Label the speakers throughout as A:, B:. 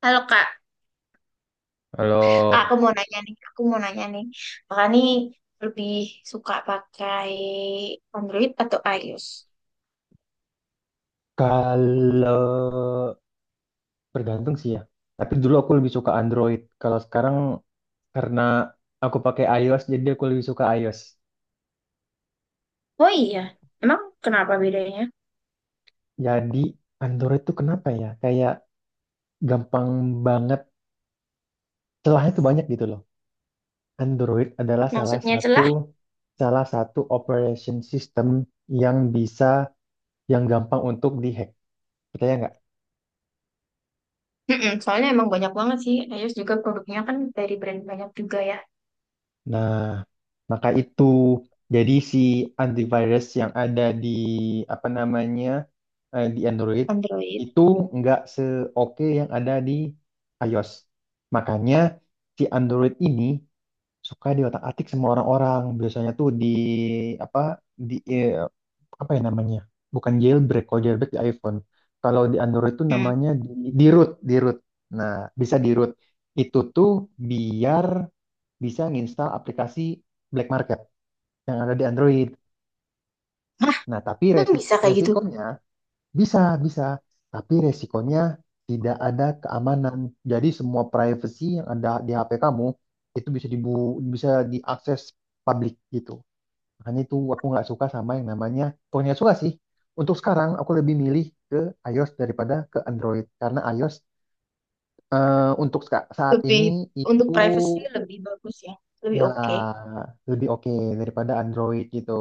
A: Halo Kak,
B: Halo.
A: Aku mau nanya nih, Kakak nih lebih suka pakai Android atau iOS?
B: Kalau bergantung sih ya. Tapi dulu aku lebih suka Android. Kalau sekarang karena aku pakai iOS, jadi aku lebih suka iOS.
A: Oh iya, emang kenapa bedanya?
B: Jadi Android tuh kenapa ya? Kayak gampang banget. Celahnya tuh banyak gitu loh. Android adalah salah
A: Maksudnya
B: satu
A: celah?
B: salah satu operation system yang bisa yang gampang untuk dihack. Percaya nggak?
A: Mm-mm, soalnya emang banyak banget sih, iOS juga produknya kan dari brand banyak juga ya,
B: Nah, maka itu jadi si antivirus yang ada di apa namanya, di Android
A: Android.
B: itu nggak seoke yang ada di iOS. Makanya si Android ini suka diotak-atik sama orang-orang. Biasanya tuh di apa, di eh, apa ya namanya? Bukan jailbreak, kalau jailbreak di iPhone. Kalau di Android tuh
A: Hmm.
B: namanya di root, di root. Nah, bisa di root. Itu tuh biar bisa nginstal aplikasi black market yang ada di Android.
A: Hah,
B: Nah, tapi
A: emang bisa kayak gitu?
B: resikonya bisa, bisa. Tapi resikonya tidak ada keamanan. Jadi semua privacy yang ada di HP kamu itu bisa diakses publik gitu. Makanya itu aku nggak suka sama yang namanya, bukan nggak suka sih. Untuk sekarang aku lebih milih ke iOS daripada ke Android karena iOS, untuk saat ini
A: Lebih, untuk
B: itu.
A: privacy lebih bagus ya, lebih
B: Ya,
A: oke.
B: lebih oke daripada Android gitu.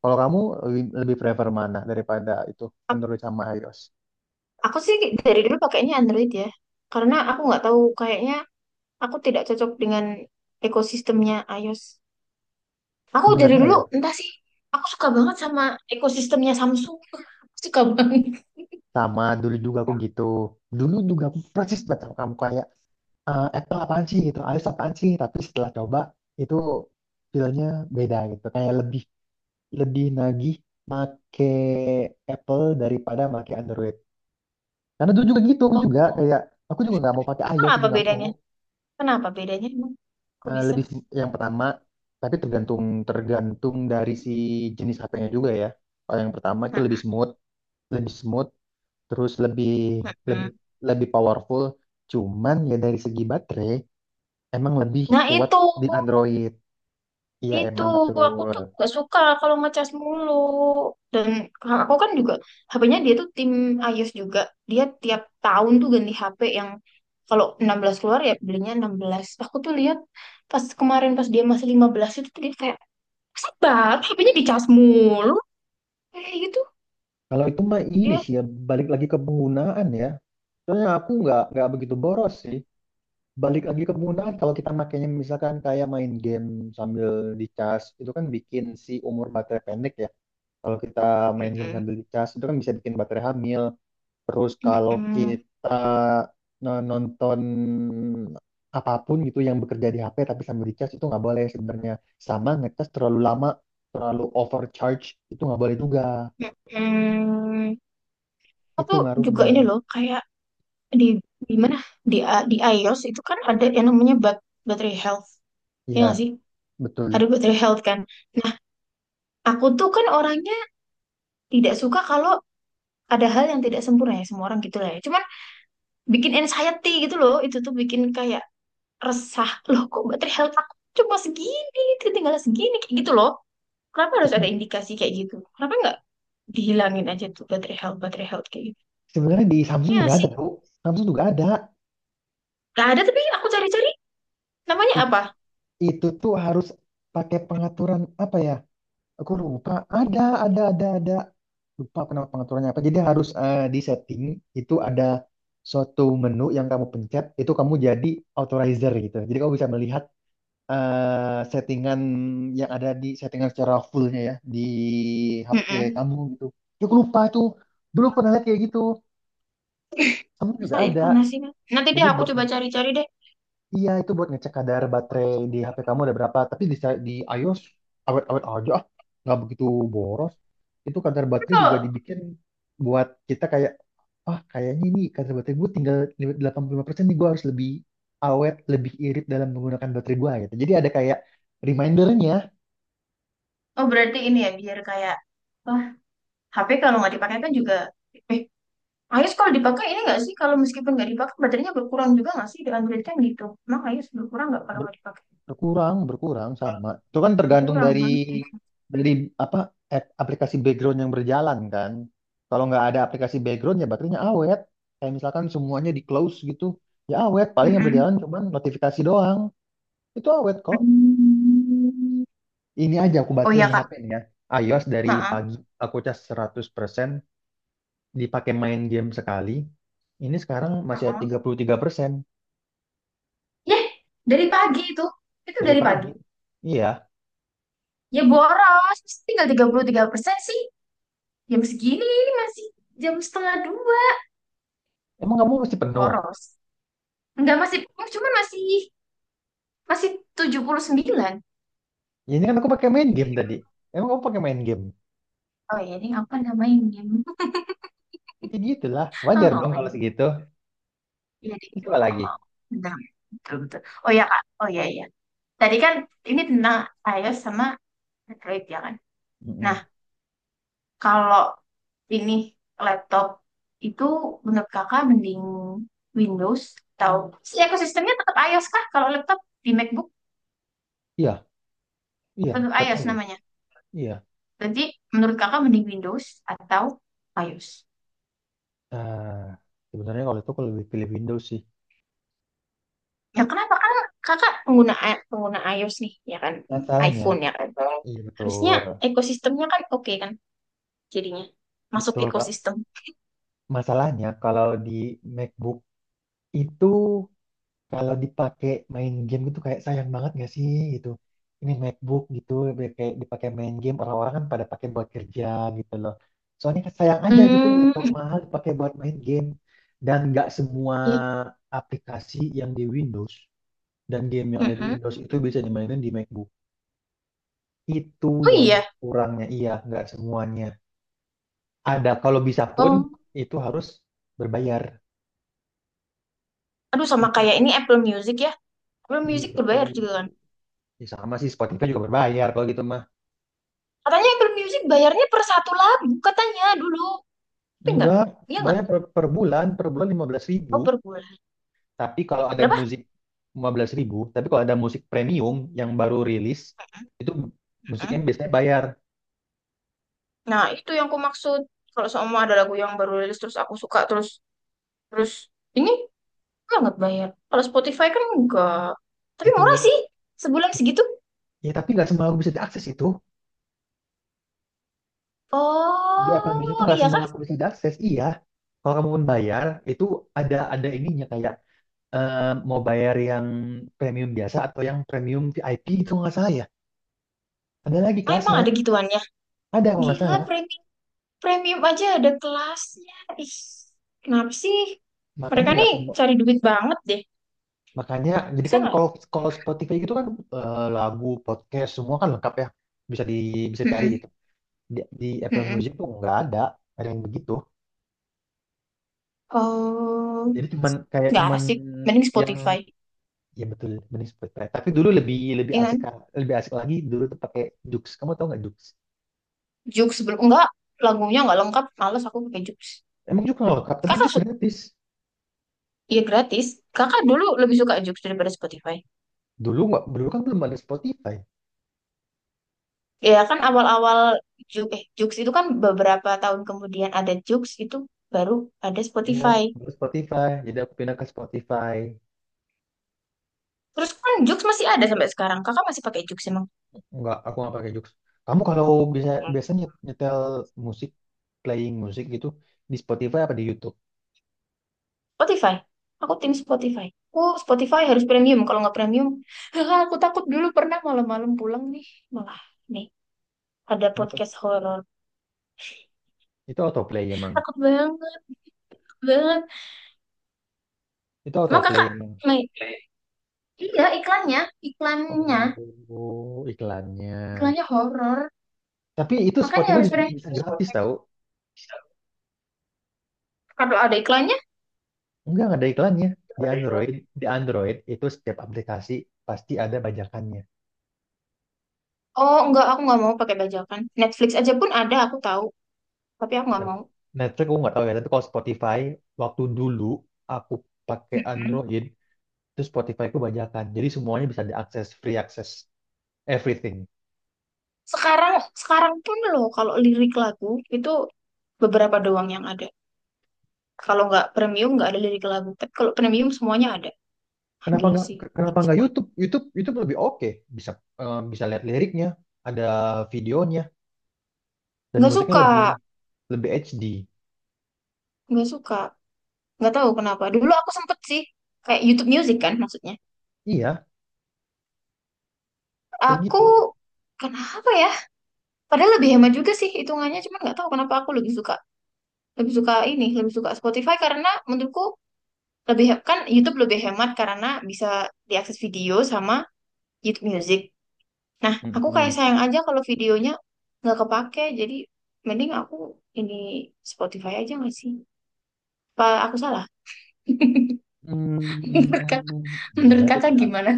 B: Kalau kamu lebih lebih prefer mana daripada itu,
A: Ak-
B: Android sama iOS?
A: Aku sih dari dulu pakainya Android ya, karena aku nggak tahu kayaknya. Aku tidak cocok dengan ekosistemnya iOS. Aku dari
B: Sebenarnya
A: dulu
B: ya
A: entah sih. Aku suka banget sama ekosistemnya Samsung. Aku suka banget.
B: sama, dulu juga aku gitu. Dulu juga aku persis banget sama kamu kayak, Apple apaan sih gitu, iOS apaan sih? Tapi setelah coba itu feelnya beda gitu. Kayak lebih lebih nagih make Apple daripada make Android. Karena dulu juga gitu,
A: Oh,
B: aku juga nggak mau pakai iOS, itu
A: apa
B: nggak mau.
A: bedanya? Kenapa bedanya, emang? Kok bisa?
B: Yang pertama, tapi tergantung tergantung dari si jenis HP-nya juga ya. Kalau yang pertama itu
A: Nah,
B: lebih smooth, terus lebih lebih
A: mm-mm.
B: lebih powerful. Cuman ya dari segi baterai emang lebih
A: Nah,
B: kuat
A: itu
B: di Android. Iya
A: itu
B: emang
A: aku
B: betul.
A: tuh gak suka kalau ngecas mulu. Dan aku kan juga HP-nya dia tuh tim iOS juga. Dia tiap tahun tuh ganti HP yang kalau 16 keluar ya belinya 16. Aku tuh lihat pas kemarin pas dia masih 15 itu tuh dia kayak, sabar, HP-nya dicas mulu. Kayak gitu,
B: Kalau itu mah ini
A: dia.
B: sih ya, balik lagi ke penggunaan ya. Soalnya aku nggak begitu boros sih. Balik lagi ke penggunaan, kalau kita makainya misalkan kayak main game sambil dicas itu kan bikin si umur baterai pendek ya. Kalau kita main game
A: Mm-mm.
B: sambil dicas itu kan bisa bikin baterai hamil. Terus kalau
A: Mm-mm.
B: kita nonton apapun gitu yang bekerja di HP tapi sambil dicas itu nggak boleh sebenarnya. Sama ngecas terlalu lama, terlalu overcharge itu nggak boleh juga.
A: Mm-mm.
B: Itu
A: Atau juga ini
B: ngaruhnya.
A: loh, kayak di, di mana? Di iOS itu kan ada yang namanya battery health. Ya nggak
B: Iya,
A: sih? Ada
B: betul.
A: battery health kan. Nah, aku tuh kan orangnya tidak suka kalau ada hal yang tidak sempurna ya. Semua orang gitu lah ya. Cuman bikin anxiety gitu loh. Itu tuh bikin kayak resah. Loh kok battery health aku cuma segini, tinggal segini. Kayak gitu loh. Kenapa harus
B: Itu
A: ada indikasi kayak gitu? Kenapa nggak dihilangin aja tuh baterai health kayak gitu?
B: sebenarnya di Samsung
A: Ya nggak
B: juga
A: sih,
B: ada, Bu. Samsung juga ada.
A: nggak ada tapi aku cari-cari namanya
B: I-
A: apa?
B: itu tuh harus pakai pengaturan apa ya? Aku lupa. Ada, ada, ada. Lupa kenapa, pengaturannya apa. Jadi harus, di setting itu ada suatu menu yang kamu pencet, itu kamu jadi authorizer gitu. Jadi kamu bisa melihat, settingan yang ada di settingan secara fullnya ya di HP
A: Mm-mm.
B: kamu gitu. Ya, aku lupa tuh. Dulu pernah lihat kayak gitu. Kamu juga
A: Masa
B: ada.
A: inkarnasi kan? Nanti deh
B: Jadi
A: aku
B: buat,
A: coba cari-cari deh.
B: iya, itu buat ngecek kadar baterai di HP kamu ada berapa. Tapi di iOS awet-awet aja, ah. Nggak begitu boros. Itu kadar
A: Tapi
B: baterai
A: kalau
B: juga dibikin buat kita kayak, ah kayaknya ini kadar baterai gue tinggal 85% nih, gue harus lebih awet, lebih irit dalam menggunakan baterai gue gitu. Jadi ada kayak remindernya.
A: Oh, berarti ini ya biar kayak wah, HP kalau nggak dipakai kan juga eh iOS kalau dipakai ini nggak sih, kalau meskipun nggak dipakai baterainya berkurang juga nggak sih, di Android kan gitu. Emang iOS berkurang nggak kalau nggak dipakai?
B: Berkurang, berkurang sama. Itu kan tergantung
A: Berkurang
B: dari
A: kan?
B: dari apa, aplikasi background yang berjalan kan. Kalau nggak ada aplikasi background ya baterainya awet. Kayak misalkan semuanya di close gitu, ya awet. Paling yang
A: Mm-mm.
B: berjalan cuman notifikasi doang. Itu awet kok.
A: Hmm.
B: Ini aja aku
A: Oh
B: baterai
A: iya,
B: nih
A: Kak.
B: HP nih ya. iOS dari
A: Ha-ha.
B: pagi aku cas 100%, dipakai main game sekali. Ini sekarang masih ada
A: Ha-ha.
B: 33%
A: Ya, dari pagi itu. Itu
B: dari
A: dari pagi.
B: pagi. Iya.
A: Ya boros, tinggal tiga tiga puluh tiga persen sih. Jam segini ini masih jam setengah dua.
B: Emang kamu masih penuh?
A: Boros. Enggak masih, cuman masih masih 79.
B: Ya, ini kan aku pakai main game tadi. Emang kamu pakai main game?
A: Oh ya, ini apa namanya?
B: Ya gitulah, wajar
A: Oh
B: dong
A: my
B: kalau
A: God.
B: segitu.
A: Iya, deh.
B: Itu coba
A: Oh,
B: lagi.
A: oh, benar. Betul, betul. Oh ya, Kak. Oh ya, ya. Tadi kan ini tentang iOS sama Android ya kan? Nah,
B: Mm-mm.
A: kalau ini laptop itu menurut kakak mending Windows atau si ekosistemnya tetap iOS kah? Kalau laptop di MacBook
B: Iya, iya,
A: tetap
B: tetap
A: iOS
B: ayo.
A: namanya.
B: Iya.
A: Jadi menurut kakak mending Windows atau iOS?
B: Nah, sebenarnya kalau itu aku lebih pilih Windows sih.
A: Ya kenapa? Kan kakak pengguna iOS nih, ya kan?
B: Masalahnya,
A: iPhone ya kan?
B: iya
A: Harusnya
B: betul,
A: ekosistemnya kan oke kan jadinya. Masuk
B: betul Kak.
A: ekosistem.
B: Masalahnya kalau di MacBook itu kalau dipakai main game gitu kayak sayang banget gak sih gitu. Ini MacBook gitu, biar kayak dipakai main game, orang-orang kan pada pakai buat kerja gitu loh. Soalnya kan sayang aja gitu,
A: Hmm.
B: laptop mahal dipakai buat main game, dan nggak semua
A: i-
B: aplikasi yang di Windows dan game yang ada di
A: mm-mm.
B: Windows itu bisa dimainin di MacBook. Itu
A: Oh
B: yang
A: iya.
B: kurangnya, iya nggak semuanya. Ada, kalau bisa pun
A: Oh,
B: itu harus berbayar.
A: aduh, sama
B: Itu
A: kayak ini Apple Music ya. Apple
B: iya
A: Music berbayar
B: betul.
A: juga kan?
B: Ya sama sih, Spotify juga berbayar kalau gitu mah.
A: Katanya Apple Music bayarnya per satu lagu, katanya dulu. Tapi enggak,
B: Enggak,
A: iya enggak?
B: bayar per bulan, lima belas
A: Oh,
B: ribu
A: per bulan.
B: Tapi kalau ada
A: Berapa?
B: musik 15.000, tapi kalau ada musik premium yang baru rilis, itu musiknya
A: Mm-mm.
B: biasanya bayar.
A: Nah, itu yang aku maksud. Kalau semua ada lagu yang baru rilis terus aku suka terus terus ini banget bayar. Kalau Spotify kan enggak. Tapi murah
B: Itulah.
A: sih. Sebulan segitu.
B: Ya tapi nggak semua aku bisa diakses itu. Di Apple Music itu
A: Oh,
B: nggak
A: iya
B: semua
A: kah?
B: aku bisa diakses. Iya. Kalau kamu pun bayar, itu ada ininya kayak, eh, mau bayar yang premium biasa atau yang premium VIP, itu nggak salah ya. Ada lagi
A: Ah, emang
B: kelasnya.
A: ada gituannya.
B: Ada kalau nggak
A: Gila,
B: salah.
A: premium premium aja ada kelasnya. Ih, kenapa sih?
B: Makanya
A: Mereka
B: nggak
A: nih
B: semua
A: cari duit banget deh.
B: Makanya, jadi
A: Bisa
B: kan
A: nggak?
B: kalau kalau Spotify gitu kan, lagu, podcast semua kan lengkap ya, bisa di bisa cari
A: Mm-mm.
B: gitu. Di Apple
A: Mm-mm.
B: Music tuh nggak ada, ada yang begitu.
A: Oh,
B: Jadi cuman kayak
A: nggak
B: cuman
A: asik, mending
B: yang
A: Spotify
B: ya betul, mending Spotify. Tapi dulu lebih lebih
A: ya
B: asik
A: kan.
B: kan, lebih asik lagi dulu tuh pakai Joox. Kamu tau nggak Joox?
A: Joox, sebelum enggak, lagunya nggak lengkap, males aku pakai Jux.
B: Emang Joox nggak lengkap, tapi
A: Kakak
B: Joox
A: su
B: gratis.
A: Ya, gratis. Kakak dulu lebih suka Jux daripada Spotify,
B: Dulu nggak, dulu kan belum ada Spotify.
A: ya kan? Awal-awal Jux, Jux itu kan beberapa tahun kemudian ada Jux, itu baru ada
B: Ya,
A: Spotify.
B: baru Spotify. Jadi aku pindah ke Spotify.
A: Terus kan Jux masih ada sampai sekarang, kakak masih pakai Jux emang?
B: Enggak, aku nggak pakai jokes. Kamu kalau bisa biasanya nyetel musik, playing musik gitu, di Spotify apa di YouTube?
A: Spotify, aku tim Spotify. Aku, Spotify harus premium, kalau nggak premium aku takut. Dulu pernah malam-malam pulang nih, malah nih ada
B: Apa?
A: podcast horor,
B: Itu autoplay emang.
A: takut banget banget.
B: Itu
A: Emang
B: autoplay
A: kakak,
B: emang.
A: main- iya, iklannya,
B: Oh, iklannya.
A: iklannya, horor.
B: Tapi itu
A: Makanya
B: Spotify
A: harus
B: bisa,
A: berani.
B: bisa gratis tau.
A: Kalau ada iklannya,
B: Enggak, nggak ada iklannya. Di Android, di Android itu setiap aplikasi pasti ada bajakannya.
A: oh enggak, aku nggak mau pakai bajakan. Netflix aja pun ada, aku tahu, tapi aku nggak
B: Nah,
A: mau.
B: Netflix aku nggak tahu ya, tapi kalau Spotify waktu dulu aku pakai
A: Mm-mm.
B: Android, terus Spotify ku bajakan. Jadi semuanya bisa diakses, free akses, everything.
A: Sekarang, sekarang pun loh, kalau lirik lagu itu beberapa doang yang ada. Kalau nggak premium nggak ada lirik lagu. Tapi kalau premium semuanya ada. Ah,
B: Kenapa
A: gila
B: nggak
A: sih.
B: Kenapa nggak
A: Semua.
B: YouTube? YouTube lebih oke, bisa bisa lihat liriknya, ada videonya dan
A: Nggak
B: musiknya
A: suka,
B: lebih lebih HD.
A: nggak suka, nggak tahu kenapa. Dulu aku sempet sih kayak YouTube Music kan maksudnya.
B: Iya, kayak
A: Aku
B: gitu.
A: kenapa ya? Padahal lebih hemat juga sih hitungannya, cuman nggak tahu kenapa aku lebih suka ini, lebih suka Spotify karena menurutku kan YouTube lebih hemat karena bisa diakses video sama YouTube Music. Nah, aku kayak
B: Mm-mm.
A: sayang aja kalau videonya nggak kepake, jadi mending aku ini Spotify aja nggak sih? Apa aku salah?
B: Hmm,
A: Menurut kata, menurut
B: sebenarnya itu
A: kakak
B: terga-
A: gimana?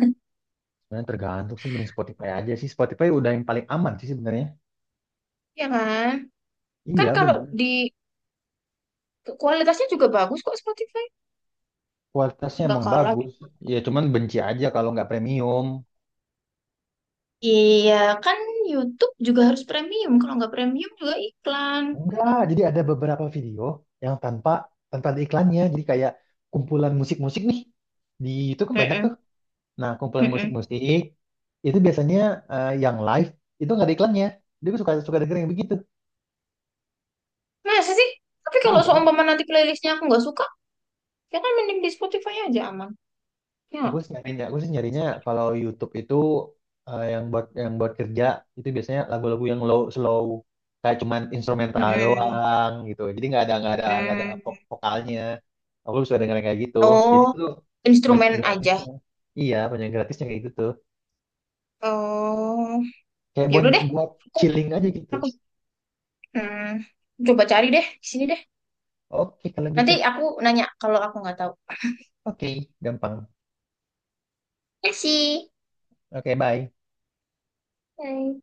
B: sebenarnya tergantung sih, mending Spotify aja sih. Spotify udah yang paling aman sih sebenarnya.
A: Ya kan? Kan
B: Iya
A: kalau
B: bener.
A: di kualitasnya juga bagus kok Spotify.
B: Kualitasnya
A: Nggak
B: emang
A: kalah.
B: bagus. Ya cuman benci aja kalau nggak premium.
A: Iya, kan YouTube juga harus premium. Kalau nggak premium juga iklan.
B: Enggak, jadi ada beberapa video yang tanpa tanpa ada iklannya. Jadi kayak kumpulan musik-musik nih. Di itu kan banyak
A: Mm-mm,
B: tuh. Nah, kumpulan
A: mm-mm.
B: musik-musik itu biasanya, yang live itu nggak ada iklannya. Jadi gue suka suka denger yang begitu.
A: Masa sih? Tapi kalau
B: Iya,
A: seumpama nanti playlistnya aku nggak suka, ya kan mending di Spotify aja aman.
B: Aku
A: Ya.
B: sih nyarinya, aku sih nyarinya kalau YouTube itu, yang buat kerja itu biasanya lagu-lagu yang low slow, kayak cuman instrumental
A: Mm,
B: doang gitu. Jadi nggak ada
A: mm.
B: vokalnya. Aku suka denger yang kayak gitu. Jadi
A: Oh,
B: tuh banyak yang
A: instrumen aja.
B: gratisnya. Iya, banyak yang gratisnya kayak gitu tuh.
A: Oh,
B: Kayak
A: ya
B: buat
A: udah deh.
B: buat
A: Aku,
B: chilling aja gitu.
A: aku hmm, coba cari deh di sini deh.
B: Oke, kalau
A: Nanti
B: gitu.
A: aku nanya kalau aku nggak tahu.
B: Oke, gampang.
A: Kasih.
B: Oke, bye.
A: Bye.